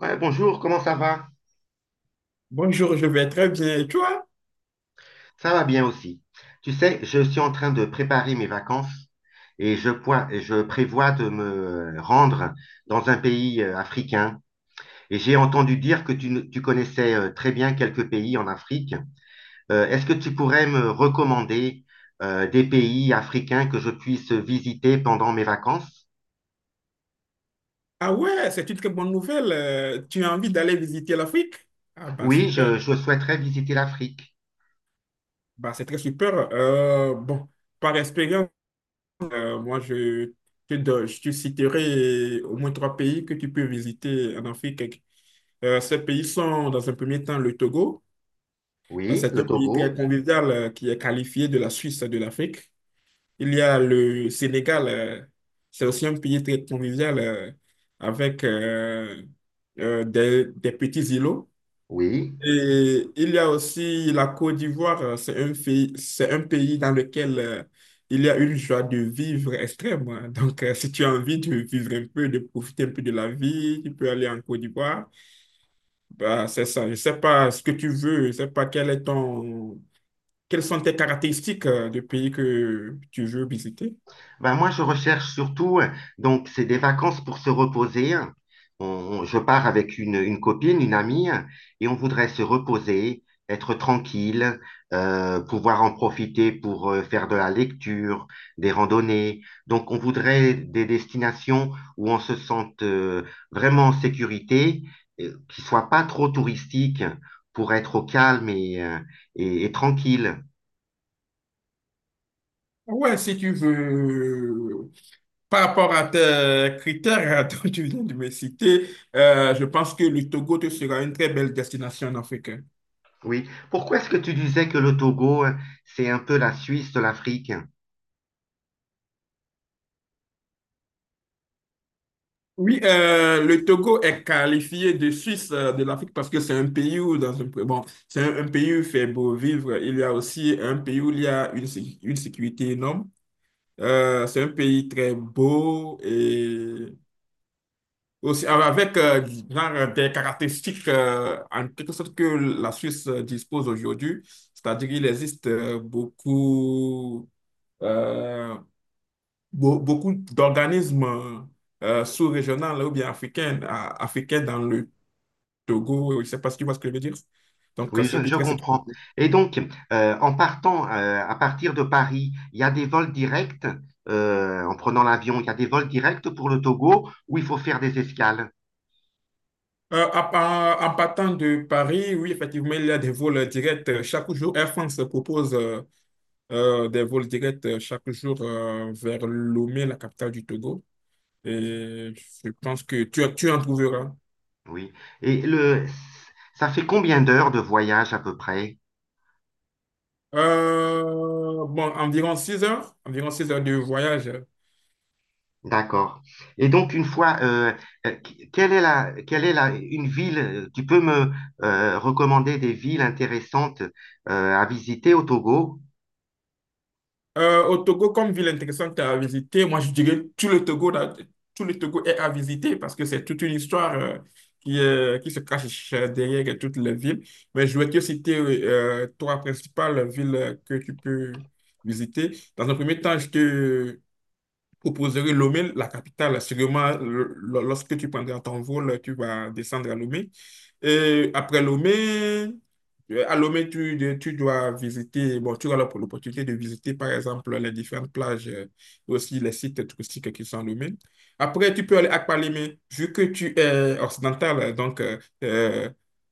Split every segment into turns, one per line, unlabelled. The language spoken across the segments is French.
Ouais, bonjour, comment ça va?
Bonjour, je vais très bien. Et toi?
Ça va bien aussi. Tu sais, je suis en train de préparer mes vacances et je prévois de me rendre dans un pays africain. Et j'ai entendu dire que tu, ne- tu connaissais très bien quelques pays en Afrique. Est-ce que tu pourrais me recommander des pays africains que je puisse visiter pendant mes vacances?
Ah ouais, c'est une très bonne nouvelle. Tu as envie d'aller visiter l'Afrique? Ah bah
Oui,
super,
je souhaiterais visiter l'Afrique.
bah c'est très super. Par expérience, moi je te citerai au moins trois pays que tu peux visiter en Afrique. Ces pays sont dans un premier temps le Togo. Euh,
Oui,
C'est
le
un pays très
Togo.
convivial qui est qualifié de la Suisse de l'Afrique. Il y a le Sénégal, c'est aussi un pays très convivial avec des petits îlots.
Oui.
Et il y a aussi la Côte d'Ivoire, c'est un pays dans lequel il y a une joie de vivre extrême, hein. Donc, si tu as envie de vivre un peu, de profiter un peu de la vie, tu peux aller en Côte d'Ivoire. Bah, c'est ça. Je sais pas ce que tu veux, je sais pas quel est ton, quelles sont tes caractéristiques de pays que tu veux visiter?
Ben, moi, je recherche surtout, donc, c'est des vacances pour se reposer. Je pars avec une copine, une amie, et on voudrait se reposer, être tranquille, pouvoir en profiter pour faire de la lecture, des randonnées. Donc, on voudrait des destinations où on se sente vraiment en sécurité, qui soient pas trop touristiques, pour être au calme et, et tranquille.
Ouais, si tu veux, par rapport à tes critères dont tu viens de me citer, je pense que le Togo te sera une très belle destination en Afrique.
Oui. Pourquoi est-ce que tu disais que le Togo, hein, c'est un peu la Suisse de l'Afrique?
Oui, le Togo est qualifié de Suisse de l'Afrique parce que c'est un pays où dans un bon, c'est un pays où il fait beau vivre. Il y a aussi un pays où il y a une sécurité énorme. C'est un pays très beau et aussi avec genre des caractéristiques en quelque sorte que la Suisse dispose aujourd'hui. C'est-à-dire qu'il existe beaucoup. euh, Beaucoup d'organismes sous-régionaux là, ou bien africains dans le Togo. Je ne sais pas si tu vois ce que je veux dire. Donc,
Oui,
c'est un pays
je
très sécurisé.
comprends. Et donc, en partant à partir de Paris, il y a des vols directs, en prenant l'avion, il y a des vols directs pour le Togo où il faut faire des escales.
Partant de Paris, oui, effectivement, il y a des vols directs chaque jour. Air France propose des vols directs chaque jour vers Lomé, la capitale du Togo. Et je pense que tu en trouveras.
Oui. Et le, ça fait combien d'heures de voyage à peu près?
Euh, environ 6 heures de voyage.
D'accord. Et donc, une fois, quelle est quelle est la, une ville, tu peux me recommander des villes intéressantes à visiter au Togo?
Au Togo, comme ville intéressante à visiter, moi je dirais tout le Togo, là, tout le Togo est à visiter parce que c'est toute une histoire qui se cache derrière toutes les villes. Mais je vais te citer trois principales villes que tu peux visiter. Dans un premier temps, je te proposerais Lomé, la capitale. Sûrement, lorsque tu prendras ton vol, tu vas descendre à Lomé. Et après Lomé, à Lomé, tu dois visiter, bon, tu auras l'opportunité de visiter, par exemple, les différentes plages et aussi les sites touristiques qui sont à Lomé. Après, tu peux aller à Kpalimé, vu que tu es occidental, donc euh,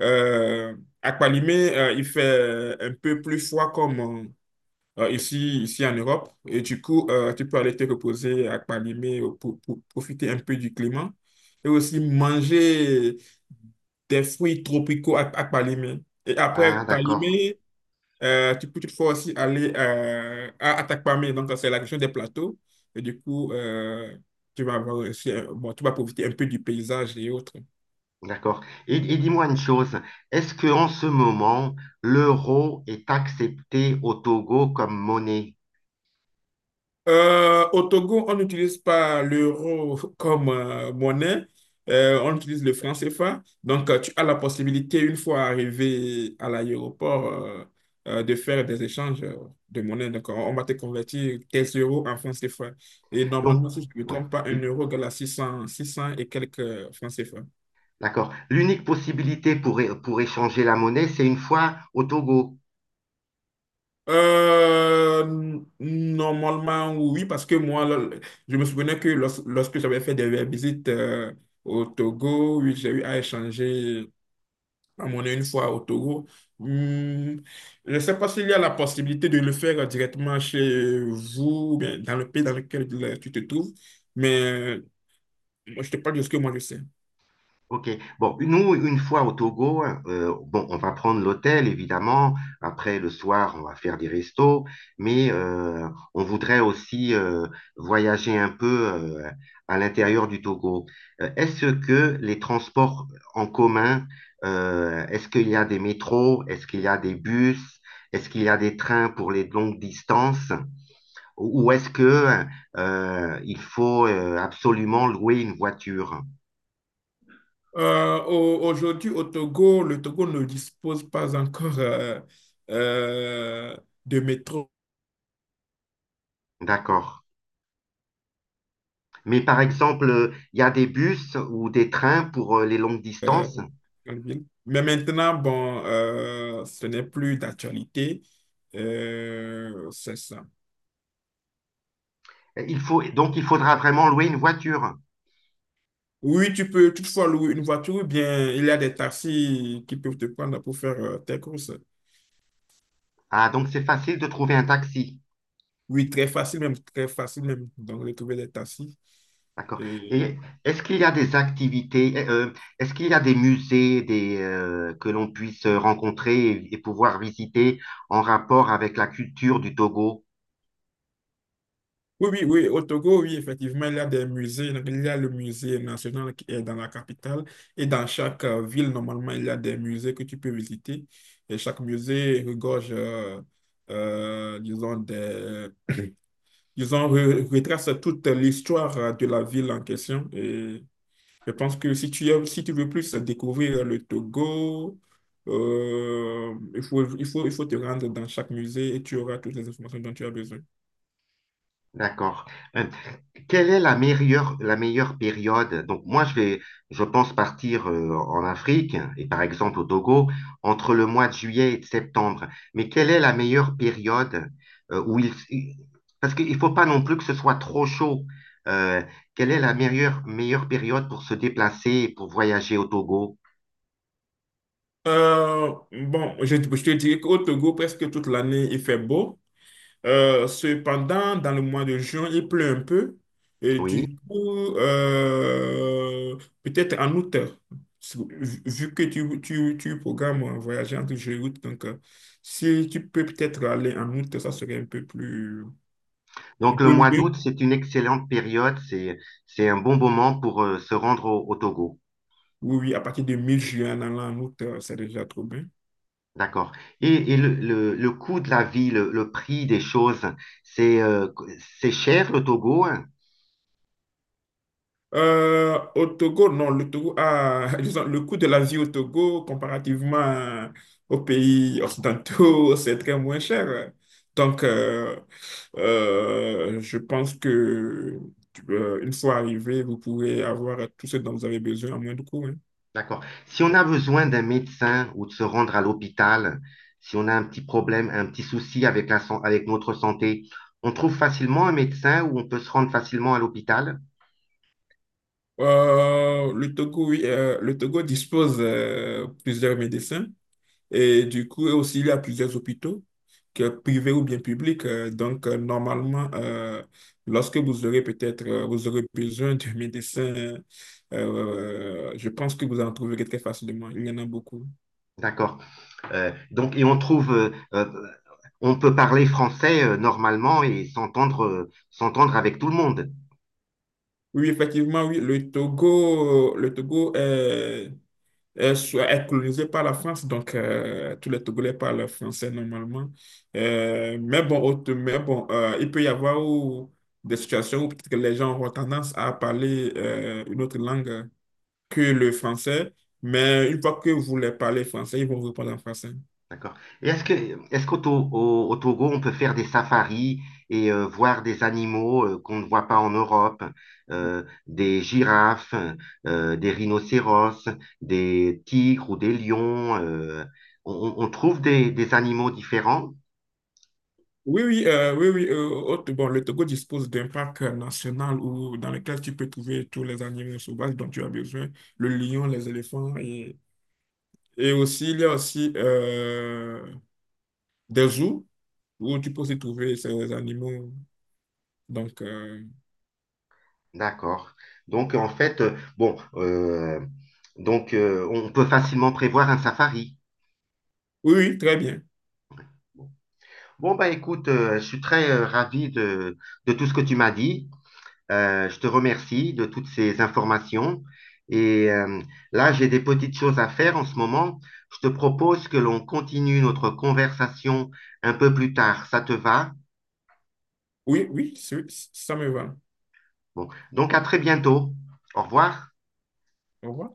euh, à Kpalimé, il fait un peu plus froid comme, ici en Europe. Et du coup, tu peux aller te reposer à Palimé pour profiter un peu du climat et aussi manger des fruits tropicaux à Palimé. Et après
Ah,
Palimé, tu peux toutefois aussi aller à Atakpamé, donc c'est la région des plateaux. Et du coup, tu vas avoir aussi bon, tu vas profiter un peu du paysage et autres.
d'accord. Et dis-moi une chose, est-ce que en ce moment, l'euro est accepté au Togo comme monnaie?
Au Togo, on n'utilise pas l'euro comme monnaie. On utilise le franc CFA. Donc, tu as la possibilité, une fois arrivé à l'aéroport, de faire des échanges de monnaie. Donc, on va te convertir tes euros en francs CFA. Et
Donc,
normalement, si je ne me
ouais,
trompe pas, un
l-
euro égale à six cents, six 600 et quelques francs CFA.
d'accord. L'unique possibilité pour échanger la monnaie, c'est une fois au Togo.
Euh, normalement, oui, parce que moi, je me souvenais que lorsque j'avais fait des visites au Togo, oui, j'ai eu à échanger la monnaie une fois au Togo. Hum, je ne sais pas s'il y a la possibilité de le faire directement chez vous, ou bien dans le pays dans lequel tu te trouves, mais moi, je te parle de ce que moi je sais.
OK. Bon, nous, une fois au Togo, bon, on va prendre l'hôtel, évidemment. Après, le soir, on va faire des restos. Mais on voudrait aussi voyager un peu à l'intérieur du Togo. Est-ce que les transports en commun, est-ce qu'il y a des métros? Est-ce qu'il y a des bus? Est-ce qu'il y a des trains pour les longues distances? Ou est-ce que il faut absolument louer une voiture?
Aujourd'hui, au Togo, le Togo ne dispose pas encore euh, de métro.
D'accord. Mais par exemple, il y a des bus ou des trains pour les longues
euh,
distances.
Alvin. Mais maintenant, bon, ce n'est plus d'actualité. C'est ça.
Donc, il faudra vraiment louer une voiture.
Oui, tu peux toutefois louer une voiture ou bien il y a des taxis qui peuvent te prendre pour faire tes courses.
Ah, donc c'est facile de trouver un taxi.
Oui, très facile même, très facile même. Donc, de trouver des taxis.
D'accord.
Euh,
Et est-ce qu'il y a des activités, est-ce qu'il y a des musées des, que l'on puisse rencontrer et pouvoir visiter en rapport avec la culture du Togo?
Oui, oui, oui, au Togo, oui, effectivement, il y a des musées. Donc, il y a le musée national qui est dans la capitale. Et dans chaque ville, normalement, il y a des musées que tu peux visiter. Et chaque musée regorge, disons, disons, retrace toute l'histoire de la ville en question. Et je pense que si si tu veux plus découvrir le Togo, il faut te rendre dans chaque musée et tu auras toutes les informations dont tu as besoin.
D'accord. Euh, quelle est la meilleure période? Donc moi, je pense partir en Afrique et par exemple au Togo entre le mois de juillet et de septembre. Mais quelle est la meilleure période euh, où il, il- parce qu'il faut pas non plus que ce soit trop chaud. Euh, Quelle est la meilleure, meilleure période pour se déplacer et pour voyager au Togo?
Je te dirais qu'au Togo, presque toute l'année, il fait beau. Cependant, dans le mois de juin, il pleut un peu. Et
Oui.
du coup, peut-être en août, vu que tu programmes voyager entre juillet et août, donc si tu peux peut-être aller en août, ça serait un peu plus, un
Donc le
peu
mois
mieux.
d'août, c'est une excellente période. C'est un bon moment pour se rendre au Togo.
Oui, oui, à partir de mi-juillet en allant en août, c'est déjà trop bien.
D'accord. Et, le coût de la vie, le prix des choses, c'est euh, c'est cher le Togo? Hein.
Au Togo, non, le Togo a, disons, le coût de la vie au Togo, comparativement aux pays occidentaux, c'est très moins cher. Donc, je pense que une fois arrivé, vous pourrez avoir tout ce dont vous avez besoin à moins de coûts, hein.
D'accord. Si on a besoin d'un médecin ou de se rendre à l'hôpital, si on a un petit problème, un petit souci avec avec notre santé, on trouve facilement un médecin ou on peut se rendre facilement à l'hôpital?
Le Togo, oui, le Togo dispose plusieurs médecins et du coup aussi il y a plusieurs hôpitaux, que privés ou bien publics. Donc, normalement, lorsque vous aurez peut-être vous aurez besoin d'un médecin, je pense que vous en trouverez très facilement. Il y en a beaucoup.
D'accord. Donc, et on trouve, on peut parler français normalement et s'entendre avec tout le monde.
Oui, effectivement, oui, le Togo est est colonisée par la France, donc tous les Togolais parlent français normalement. Mais bon, il peut y avoir des situations où peut-être que les gens auront tendance à parler une autre langue que le français, mais une fois que vous les parlez français, ils vont vous parler en français.
D'accord. Et est-ce que, Est-ce au Togo, on peut faire des safaris et voir des animaux qu'on ne voit pas en Europe, des girafes, des rhinocéros, des tigres ou des lions, on trouve des animaux différents?
Oui, oui, oui, oui. Bon, le Togo dispose d'un parc national où, dans lequel tu peux trouver tous les animaux sauvages dont tu as besoin, le lion, les éléphants. Et aussi, il y a aussi des zoos où tu peux aussi trouver ces animaux. Donc,
D'accord. Donc, en fait, on peut facilement prévoir un safari.
oui, oui, très bien.
Bon, bah écoute, je suis très ravi de tout ce que tu m'as dit. Je te remercie de toutes ces informations. Et là, j'ai des petites choses à faire en ce moment. Je te propose que l'on continue notre conversation un peu plus tard. Ça te va?
Oui, oui, ça me va.
Bon, donc à très bientôt. Au revoir.
Au revoir.